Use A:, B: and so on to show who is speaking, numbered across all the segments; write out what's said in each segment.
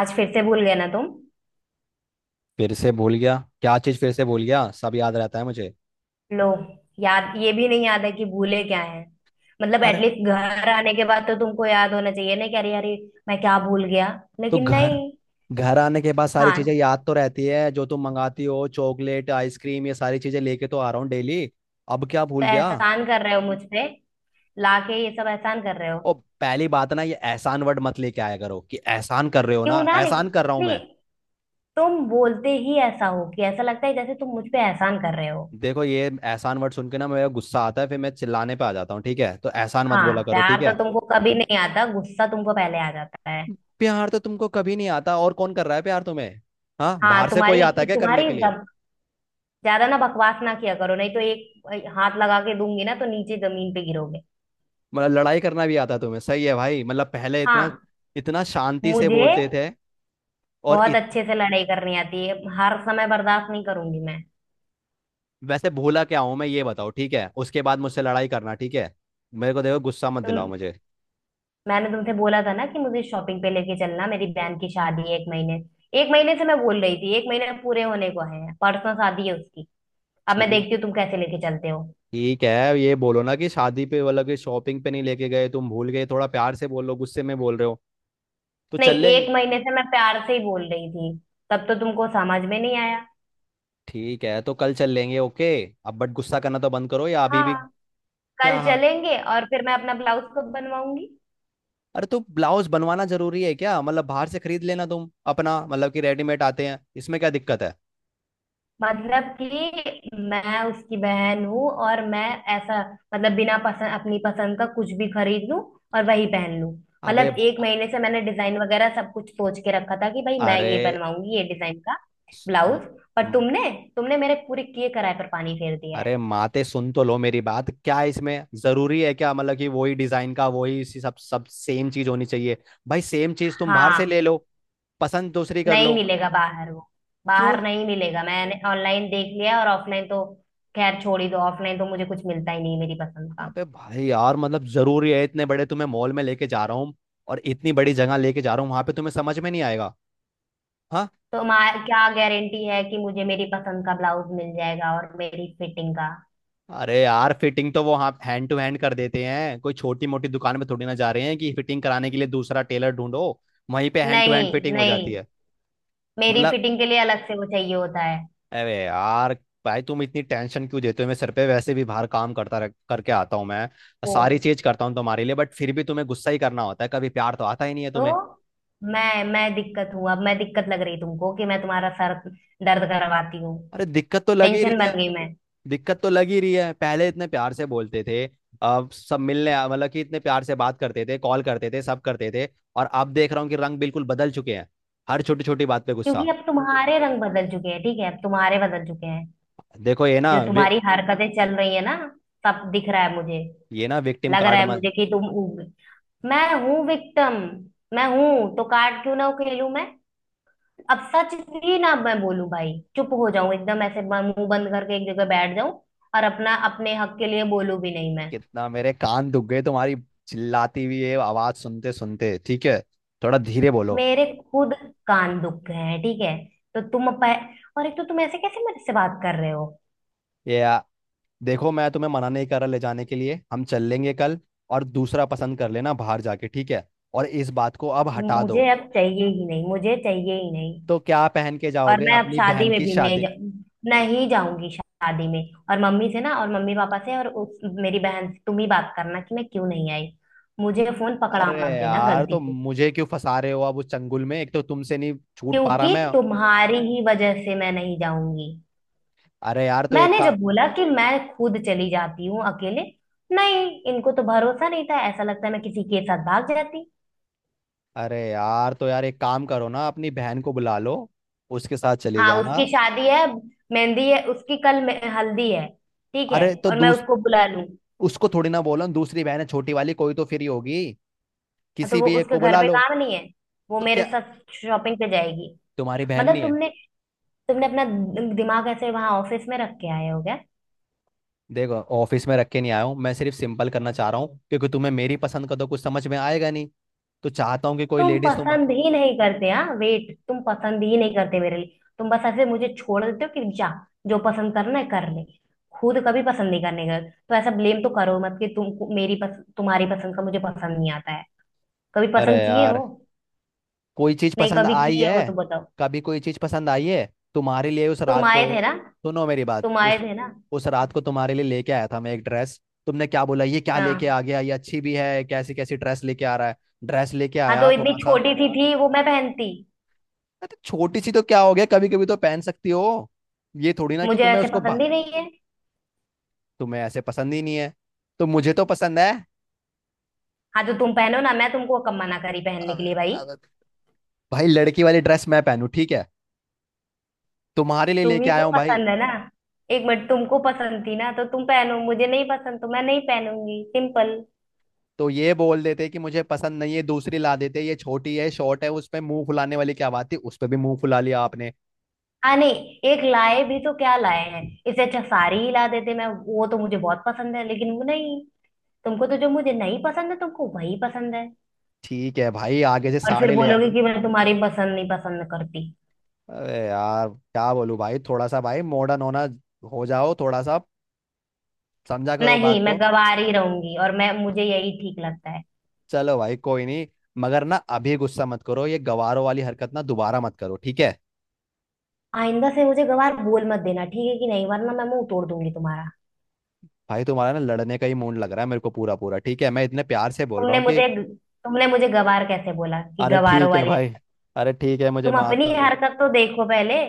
A: आज फिर से भूल गए ना तुम।
B: फिर से भूल गया? क्या चीज फिर से भूल गया? सब याद रहता है मुझे।
A: लो। याद ये भी नहीं, याद है कि भूले क्या है। मतलब
B: अरे।
A: एटलीस्ट घर आने के बाद तो तुमको याद होना चाहिए ना कि अरे अरे मैं क्या भूल गया।
B: तो
A: लेकिन
B: घर
A: नहीं।
B: घर आने के बाद सारी चीजें
A: हाँ,
B: याद तो रहती है, जो तुम मंगाती हो, चॉकलेट आइसक्रीम, ये सारी चीजें लेके तो आ रहा हूँ डेली। अब क्या
A: तो
B: भूल गया?
A: एहसान कर रहे हो मुझ पे? लाके ये सब एहसान कर रहे हो?
B: ओ, पहली बात ना, ये एहसान वर्ड मत लेके आया करो कि एहसान कर रहे हो, ना
A: क्यों ना?
B: एहसान
A: लेकिन
B: कर रहा हूँ
A: नहीं,
B: मैं।
A: तुम बोलते ही ऐसा हो कि ऐसा लगता है जैसे तुम मुझ पे एहसान कर रहे हो।
B: देखो, ये एहसान वर्ड सुन के ना मेरा गुस्सा आता है, फिर मैं चिल्लाने पे आ जाता हूँ, ठीक है? तो एहसान मत बोला
A: हाँ,
B: करो, ठीक
A: प्यार तो
B: है?
A: तुमको कभी नहीं आता, गुस्सा तुमको पहले आ जाता है।
B: प्यार तो तुमको कभी नहीं आता, और कौन कर रहा है प्यार तुम्हें? हाँ,
A: हाँ,
B: बाहर से कोई
A: तुम्हारी
B: आता है क्या करने
A: तुम्हारी
B: के लिए?
A: ज्यादा ना बकवास ना किया करो, नहीं तो एक हाथ लगा के दूंगी ना तो नीचे जमीन पे गिरोगे।
B: मतलब लड़ाई करना भी आता तुम्हें, सही है भाई। मतलब पहले इतना
A: हाँ,
B: इतना शांति से
A: मुझे
B: बोलते थे। और
A: बहुत
B: इत,
A: अच्छे से लड़ाई करनी आती है। हर समय बर्दाश्त नहीं करूंगी मैं।
B: वैसे भूला क्या हूं मैं ये बताओ, ठीक है? उसके बाद मुझसे लड़ाई करना, ठीक है? मेरे को देखो, गुस्सा मत दिलाओ
A: तुम,
B: मुझे।
A: मैंने तुमसे बोला था ना कि मुझे शॉपिंग पे लेके चलना, मेरी बहन की शादी है। एक महीने, एक महीने से मैं बोल रही थी, एक महीने पूरे होने को है, परसों शादी है उसकी। अब मैं
B: ठीक
A: देखती हूँ तुम कैसे लेके चलते हो।
B: ठीक है, ये बोलो ना कि शादी पे मतलब कि शॉपिंग पे नहीं लेके गए, तुम भूल गए, थोड़ा प्यार से बोल लो, गुस्से में बोल रहे हो, तो
A: नहीं,
B: चल लेंगे।
A: एक महीने से मैं प्यार से ही बोल रही थी, तब तो तुमको समझ में नहीं आया।
B: ठीक है, तो कल चल लेंगे, ओके। अब बट गुस्सा करना तो बंद करो या अभी भी?
A: हाँ, कल
B: क्या? हाँ?
A: चलेंगे और फिर मैं अपना ब्लाउज कब बनवाऊंगी?
B: अरे, तो ब्लाउज बनवाना जरूरी है क्या? मतलब बाहर से खरीद लेना तुम अपना, मतलब कि रेडीमेड आते हैं, इसमें क्या दिक्कत है?
A: मतलब कि मैं उसकी बहन हूँ, और मैं ऐसा, मतलब बिना पसंद, अपनी पसंद का कुछ भी खरीद लूँ और वही पहन लूँ?
B: अबे,
A: मतलब एक महीने से मैंने डिजाइन वगैरह सब कुछ सोच के रखा था कि भाई मैं
B: अरे,
A: ये बनवाऊंगी, ये डिजाइन का
B: स- म-
A: ब्लाउज। पर
B: म-
A: तुमने तुमने मेरे पूरे किए कराए पर पानी फेर दिया है।
B: अरे माते सुन तो लो मेरी बात, क्या इसमें जरूरी है, क्या मतलब कि वही डिजाइन का, वही इसी सब सब सेम चीज होनी चाहिए? भाई सेम चीज तुम बाहर
A: हाँ,
B: से ले लो, पसंद दूसरी कर
A: नहीं
B: लो।
A: मिलेगा बाहर वो।
B: क्यों
A: बाहर
B: न-
A: नहीं मिलेगा, मैंने ऑनलाइन देख लिया, और ऑफलाइन तो खैर छोड़ ही दो, ऑफलाइन तो मुझे कुछ मिलता ही नहीं मेरी पसंद का।
B: अबे भाई यार, मतलब जरूरी है? इतने बड़े तुम्हें मॉल में लेके जा रहा हूँ, और इतनी बड़ी जगह लेके जा रहा हूँ, वहां पे तुम्हें समझ में नहीं आएगा? हाँ।
A: तो हमारा क्या गारंटी है कि मुझे मेरी पसंद का ब्लाउज मिल जाएगा और मेरी फिटिंग का?
B: अरे यार, फिटिंग तो वो, हाँ, हैंड टू हैंड कर देते हैं, कोई छोटी मोटी दुकान में थोड़ी ना जा रहे हैं कि फिटिंग कराने के लिए दूसरा टेलर ढूंढो, वहीं पे हैंड टू हैंड
A: नहीं।
B: फिटिंग हो जाती
A: नहीं,
B: है।
A: मेरी
B: मतलब,
A: फिटिंग के लिए अलग से वो चाहिए होता है।
B: अरे यार, भाई तुम इतनी टेंशन क्यों देते हो? मैं सर पे वैसे भी बाहर काम करके आता हूँ मैं, सारी
A: ओ,
B: चीज करता हूँ तुम्हारे लिए, बट फिर भी तुम्हें गुस्सा ही करना होता है, कभी प्यार तो आता ही नहीं है
A: तो
B: तुम्हें।
A: मैं दिक्कत हूं? अब मैं दिक्कत लग रही तुमको, कि मैं तुम्हारा सर दर्द करवाती हूँ?
B: अरे दिक्कत तो लग ही
A: टेंशन
B: रही है।
A: बन गई मैं?
B: दिक्कत तो लग ही रही है, पहले इतने प्यार से बोलते थे। अब सब मतलब कि इतने प्यार से बात करते थे, कॉल करते थे, सब करते थे, और अब देख रहा हूँ कि रंग बिल्कुल बदल चुके हैं, हर छोटी छोटी बात पे
A: क्योंकि
B: गुस्सा।
A: अब तुम्हारे रंग बदल चुके हैं, ठीक है, अब तुम्हारे बदल चुके हैं।
B: देखो ये ना
A: जो तुम्हारी हरकतें चल रही है ना, सब दिख रहा है मुझे।
B: ये ना विक्टिम
A: लग रहा
B: कार्ड।
A: है मुझे कि मैं हूं विक्टिम। मैं हूं तो कार्ड क्यों ना खेलूं मैं? अब सच भी ना मैं बोलूं भाई, चुप हो जाऊं एकदम, ऐसे मुंह बंद करके एक जगह बैठ जाऊं, और अपना अपने हक के लिए बोलूं भी नहीं मैं?
B: कितना मेरे कान दुख गए तुम्हारी चिल्लाती हुई ये आवाज सुनते सुनते, ठीक है? थोड़ा धीरे बोलो।
A: मेरे खुद कान दुख हैं, ठीक है? तो तुम अप, और एक तो तुम ऐसे कैसे मेरे से बात कर रहे हो?
B: ये आ, देखो मैं तुम्हें मना नहीं कर रहा ले जाने के लिए, हम चल लेंगे कल, और दूसरा पसंद कर लेना बाहर जाके, ठीक है? और इस बात को अब हटा दो।
A: मुझे अब चाहिए ही नहीं, मुझे चाहिए ही नहीं।
B: तो क्या पहन के
A: और
B: जाओगे
A: मैं अब
B: अपनी
A: शादी
B: बहन
A: में
B: की
A: भी नहीं
B: शादी?
A: जा, नहीं जाऊंगी शादी में। और मम्मी से ना, और मम्मी पापा से और उस मेरी बहन से तुम ही बात करना कि मैं क्यों नहीं आई। मुझे फोन पकड़ा
B: अरे
A: मत देना
B: यार, तो
A: गलती से।
B: मुझे क्यों फंसा रहे हो अब उस चंगुल में, एक तो तुमसे नहीं छूट पा रहा
A: क्योंकि
B: मैं।
A: तुम्हारी ही वजह से मैं नहीं जाऊंगी।
B: अरे यार तो एक
A: मैंने
B: का
A: जब बोला कि मैं खुद चली जाती हूँ अकेले, नहीं, इनको तो भरोसा नहीं था, ऐसा लगता है मैं किसी के साथ भाग जाती।
B: अरे यार, तो यार एक काम करो ना, अपनी बहन को बुला लो, उसके साथ चले
A: हाँ
B: जाना।
A: उसकी शादी है, मेहंदी है उसकी कल, हल्दी है। ठीक है,
B: अरे तो
A: और मैं
B: दूस
A: उसको बुला लूँ? हाँ।
B: उसको थोड़ी ना बोलो, दूसरी बहन है छोटी वाली, कोई तो फ्री होगी,
A: तो
B: किसी
A: वो
B: भी एक
A: उसके
B: को
A: घर
B: बुला
A: पे
B: लो।
A: काम नहीं है? वो
B: तो
A: मेरे
B: क्या
A: साथ शॉपिंग पे जाएगी।
B: तुम्हारी बहन
A: मतलब
B: नहीं है?
A: तुमने तुमने अपना दिमाग ऐसे वहां ऑफिस में रख के आए हो?
B: देखो, ऑफिस में रख के नहीं आया हूँ मैं, सिर्फ सिंपल करना चाह रहा हूँ क्योंकि तुम्हें मेरी पसंद का तो कुछ समझ में आएगा नहीं, तो चाहता हूँ कि कोई
A: तुम
B: लेडीज तुम।
A: पसंद ही नहीं करते, हाँ वेट, तुम पसंद ही नहीं करते मेरे लिए। तुम बस ऐसे मुझे छोड़ देते हो कि जा, जो पसंद करना है कर ले। खुद कभी पसंद नहीं करने का, तो ऐसा ब्लेम तो करो मत कि तुम मेरी पस, तुम्हारी पसंद का मुझे पसंद नहीं आता है। कभी
B: अरे
A: पसंद किए हो?
B: यार, कोई चीज
A: नहीं,
B: पसंद
A: कभी
B: आई
A: किए हो
B: है?
A: तो बताओ।
B: कभी कोई चीज पसंद आई है तुम्हारे लिए? उस
A: तुम
B: रात को,
A: आए थे ना,
B: सुनो मेरी बात
A: तुम आए थे ना।
B: उस रात को तुम्हारे लिए लेके आया था मैं एक ड्रेस, तुमने क्या बोला? ये क्या लेके
A: हाँ,
B: आ गया, ये अच्छी भी है, कैसी कैसी ड्रेस लेके आ रहा है? ड्रेस लेके
A: हाँ
B: आया
A: तो इतनी
B: थोड़ा सा।
A: छोटी सी थी वो, मैं पहनती?
B: अरे छोटी सी तो क्या हो गया? कभी कभी तो पहन सकती हो। ये थोड़ी ना कि
A: मुझे
B: तुम्हें
A: ऐसे पसंद ही नहीं है।
B: तुम्हें ऐसे पसंद ही नहीं है? तो मुझे तो पसंद है।
A: हाँ तो तुम पहनो ना, मैं तुमको कम मना करी पहनने
B: अब
A: के लिए भाई?
B: अब भाई लड़की वाली ड्रेस मैं पहनू, ठीक है? तुम्हारे लिए लेके
A: तुम्ही
B: आया
A: को
B: हूँ भाई।
A: पसंद है ना, एक मिनट, तुमको पसंद थी ना तो तुम पहनो, मुझे नहीं पसंद तो मैं नहीं पहनूंगी, सिंपल।
B: तो ये बोल देते कि मुझे पसंद नहीं है, दूसरी ला देते, ये छोटी है, शॉर्ट है, उस पे मुंह फुलाने वाली क्या बात थी? उस पे भी मुंह फुला लिया आपने।
A: हाँ नहीं, एक लाए भी तो क्या लाए हैं, इससे अच्छा साड़ी ही ला देते, मैं वो तो मुझे बहुत पसंद है, लेकिन वो नहीं। तुमको तो जो मुझे नहीं पसंद है, तुमको वही पसंद है।
B: ठीक है भाई, आगे से
A: और फिर
B: साड़े ले आ।
A: बोलोगे कि मैं तुम्हारी पसंद नहीं पसंद करती।
B: अरे यार क्या बोलूं भाई, थोड़ा सा भाई मॉडर्न होना, हो जाओ थोड़ा सा, समझा करो बात
A: नहीं मैं
B: को।
A: गवार ही रहूंगी, और मैं, मुझे यही ठीक लगता है।
B: चलो भाई, कोई नहीं, मगर ना अभी गुस्सा मत करो, ये गवारों वाली हरकत ना दोबारा मत करो, ठीक है?
A: आइंदा से मुझे गवार बोल मत देना, ठीक है कि नहीं, वरना मैं मुंह तोड़ दूंगी तुम्हारा।
B: भाई तुम्हारा ना लड़ने का ही मूड लग रहा है मेरे को, पूरा पूरा, ठीक है? मैं इतने प्यार से बोल रहा
A: तुमने
B: हूँ कि,
A: मुझे, तुमने मुझे गवार कैसे बोला, कि
B: अरे
A: गवारों
B: ठीक है
A: वाली?
B: भाई, अरे ठीक है, मुझे
A: तुम
B: माफ
A: अपनी
B: कर दो।
A: हरकत तो देखो पहले।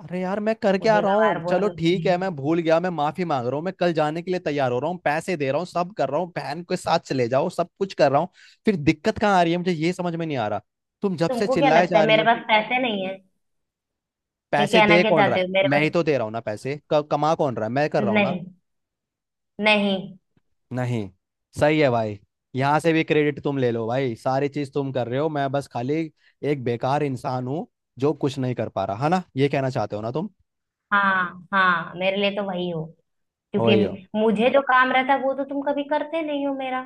B: अरे यार, मैं करके आ
A: मुझे
B: रहा
A: गवार
B: हूँ, चलो
A: बोलने के
B: ठीक है,
A: लिए!
B: मैं भूल गया, मैं माफी मांग रहा हूँ, मैं कल जाने के लिए तैयार हो रहा हूँ, पैसे दे रहा हूँ, सब कर रहा हूँ, बहन के साथ चले जाओ, सब कुछ कर रहा हूँ। फिर दिक्कत कहाँ आ रही है मुझे, ये समझ में नहीं आ रहा, तुम जब से
A: तुमको क्या
B: चिल्लाए
A: लगता
B: जा
A: है
B: रही
A: मेरे
B: हो।
A: पास पैसे नहीं है? नहीं,
B: पैसे
A: कहना
B: दे
A: क्या
B: कौन रहा
A: चाहते हो?
B: है?
A: मेरे
B: मैं ही
A: पास
B: तो दे रहा हूँ ना पैसे, कमा कौन रहा है? मैं कर रहा हूँ ना।
A: नहीं? नहीं।
B: नहीं, सही है भाई, यहाँ से भी क्रेडिट तुम ले लो भाई, सारी चीज तुम कर रहे हो, मैं बस खाली एक बेकार इंसान हूँ, जो कुछ नहीं कर पा रहा है ना, ये कहना चाहते हो ना तुम?
A: हाँ हाँ, मेरे लिए तो वही हो। क्योंकि
B: वही हो।
A: मुझे जो काम रहता है वो तो तुम कभी करते नहीं हो मेरा।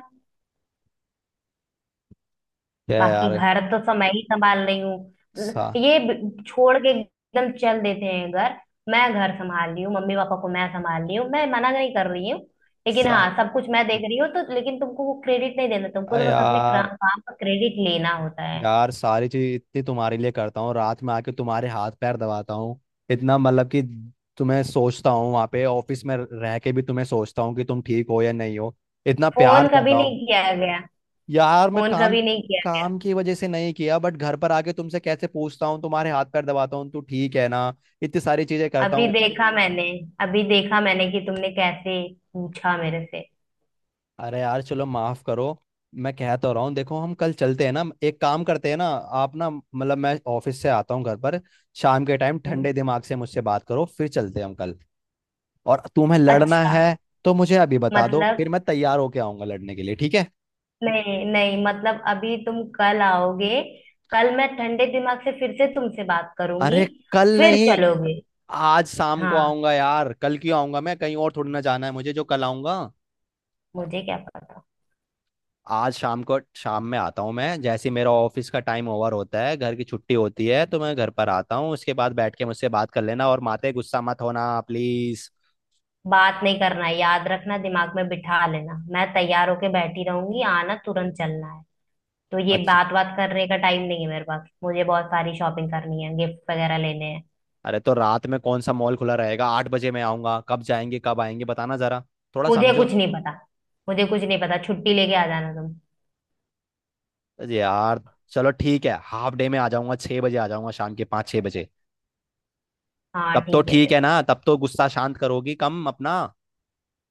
B: क्या
A: बाकी
B: यार।
A: घर तो सब मैं ही संभाल रही हूँ।
B: सा
A: ये छोड़ के एकदम चल देते हैं घर। मैं घर संभाल रही हूँ, मम्मी पापा को मैं संभाल रही हूँ। मैं मना नहीं कर रही हूँ, लेकिन
B: सा
A: हाँ सब कुछ मैं देख रही हूँ तो। लेकिन तुमको वो क्रेडिट नहीं देना, तुमको
B: अ
A: तो बस अपने
B: यार
A: काम का क्रेडिट लेना होता है।
B: यार सारी चीज इतनी तुम्हारे लिए करता हूँ, रात में आके तुम्हारे हाथ पैर दबाता हूँ, इतना मतलब कि तुम्हें सोचता हूँ, वहां पे ऑफिस में रह के भी तुम्हें सोचता हूँ कि तुम ठीक हो या नहीं हो, इतना प्यार
A: फोन
B: कर
A: कभी
B: रहा हूँ।
A: नहीं किया गया,
B: यार मैं
A: फोन
B: काम
A: कभी नहीं किया गया।
B: काम की वजह से नहीं किया, बट घर पर आके तुमसे कैसे पूछता हूँ, तुम्हारे हाथ पैर दबाता हूँ, तू ठीक है ना, इतनी सारी चीजें करता
A: अभी
B: हूँ।
A: देखा मैंने, अभी देखा मैंने कि तुमने कैसे पूछा मेरे से।
B: अरे यार चलो माफ करो, मैं कह तो रहा हूँ, देखो हम कल चलते हैं ना, एक काम करते हैं ना, आप ना मतलब मैं ऑफिस से आता हूँ घर पर शाम के टाइम,
A: हम्म,
B: ठंडे दिमाग से मुझसे बात करो, फिर चलते हैं हम कल। और तुम्हें लड़ना
A: अच्छा।
B: है तो मुझे अभी बता दो, फिर
A: मतलब,
B: मैं तैयार होके आऊंगा लड़ने के लिए, ठीक है?
A: नहीं नहीं, मतलब अभी तुम कल आओगे, कल मैं ठंडे दिमाग से फिर से तुमसे बात करूंगी,
B: अरे कल
A: फिर
B: नहीं,
A: चलोगे?
B: आज शाम को
A: हाँ,
B: आऊंगा यार, कल क्यों आऊंगा, मैं कहीं और थोड़ी ना जाना है मुझे जो कल आऊंगा?
A: मुझे क्या पता।
B: आज शाम को, शाम में आता हूँ मैं, जैसे ही मेरा ऑफिस का टाइम ओवर होता है, घर की छुट्टी होती है, तो मैं घर पर आता हूँ, उसके बाद बैठ के मुझसे बात कर लेना, और माते गुस्सा मत होना प्लीज।
A: बात नहीं करना है, याद रखना, दिमाग में बिठा लेना, मैं तैयार होके बैठी रहूंगी, आना तुरंत, चलना है। तो ये
B: अच्छा,
A: बात बात करने का टाइम नहीं है मेरे पास, मुझे बहुत सारी शॉपिंग करनी है, गिफ्ट वगैरह लेने हैं।
B: अरे तो रात में कौन सा मॉल खुला रहेगा? 8 बजे मैं आऊंगा, कब जाएंगे कब आएंगे बताना जरा, थोड़ा
A: मुझे
B: समझो।
A: कुछ नहीं पता, मुझे कुछ नहीं पता, छुट्टी लेके आ जाना तुम।
B: अरे यार चलो ठीक है, हाफ डे में आ जाऊंगा, 6 बजे आ जाऊंगा, शाम के 5-6 बजे।
A: हाँ
B: तब तो
A: ठीक है
B: ठीक है
A: फिर।
B: ना? तब तो गुस्सा शांत करोगी कम अपना?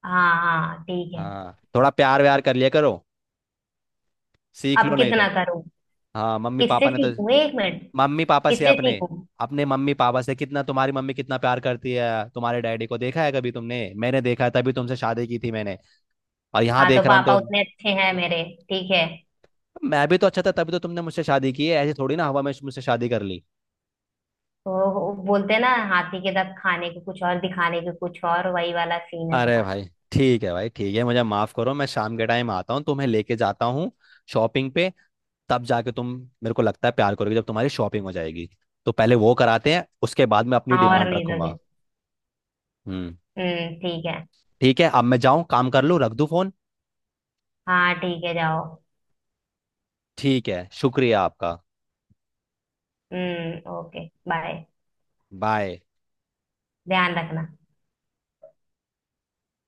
A: हाँ हाँ ठीक है।
B: हाँ थोड़ा प्यार व्यार कर लिया करो, सीख लो
A: अब
B: नहीं तो।
A: कितना करूँ?
B: हाँ, मम्मी
A: किससे
B: पापा ने तो
A: सीखूं, एक मिनट,
B: मम्मी पापा से
A: किससे
B: अपने
A: सीखूं?
B: अपने मम्मी पापा से, कितना तुम्हारी मम्मी कितना प्यार करती है तुम्हारे डैडी को? देखा है कभी तुमने? मैंने देखा है, तभी तुमसे शादी की थी मैंने, और यहाँ
A: हाँ तो
B: देख रहा हूँ
A: पापा
B: तो।
A: उतने अच्छे हैं मेरे, ठीक है?
B: मैं भी तो अच्छा था तभी तो तुमने मुझसे शादी की है, ऐसे थोड़ी ना हवा में मुझसे शादी कर ली?
A: तो वो बोलते हैं ना, हाथी के दांत खाने के कुछ और, दिखाने के कुछ और, वही वाला सीन है
B: अरे
A: तुम्हारा।
B: भाई ठीक है भाई, ठीक है मुझे माफ करो, मैं शाम के टाइम आता हूँ, तुम्हें लेके जाता हूँ शॉपिंग पे, तब जाके तुम, मेरे को लगता है प्यार करोगे जब तुम्हारी शॉपिंग हो जाएगी, तो पहले वो कराते हैं उसके बाद मैं अपनी
A: हाँ और
B: डिमांड
A: नहीं
B: रखूंगा।
A: दोगे।
B: हम्म।
A: हम्म। ठीक है।
B: ठीक है, अब मैं जाऊँ, काम कर लूँ, रख दूँ फोन?
A: हाँ ठीक है जाओ।
B: ठीक है, शुक्रिया आपका।
A: हम्म, ओके बाय।
B: बाय।
A: ध्यान रखना।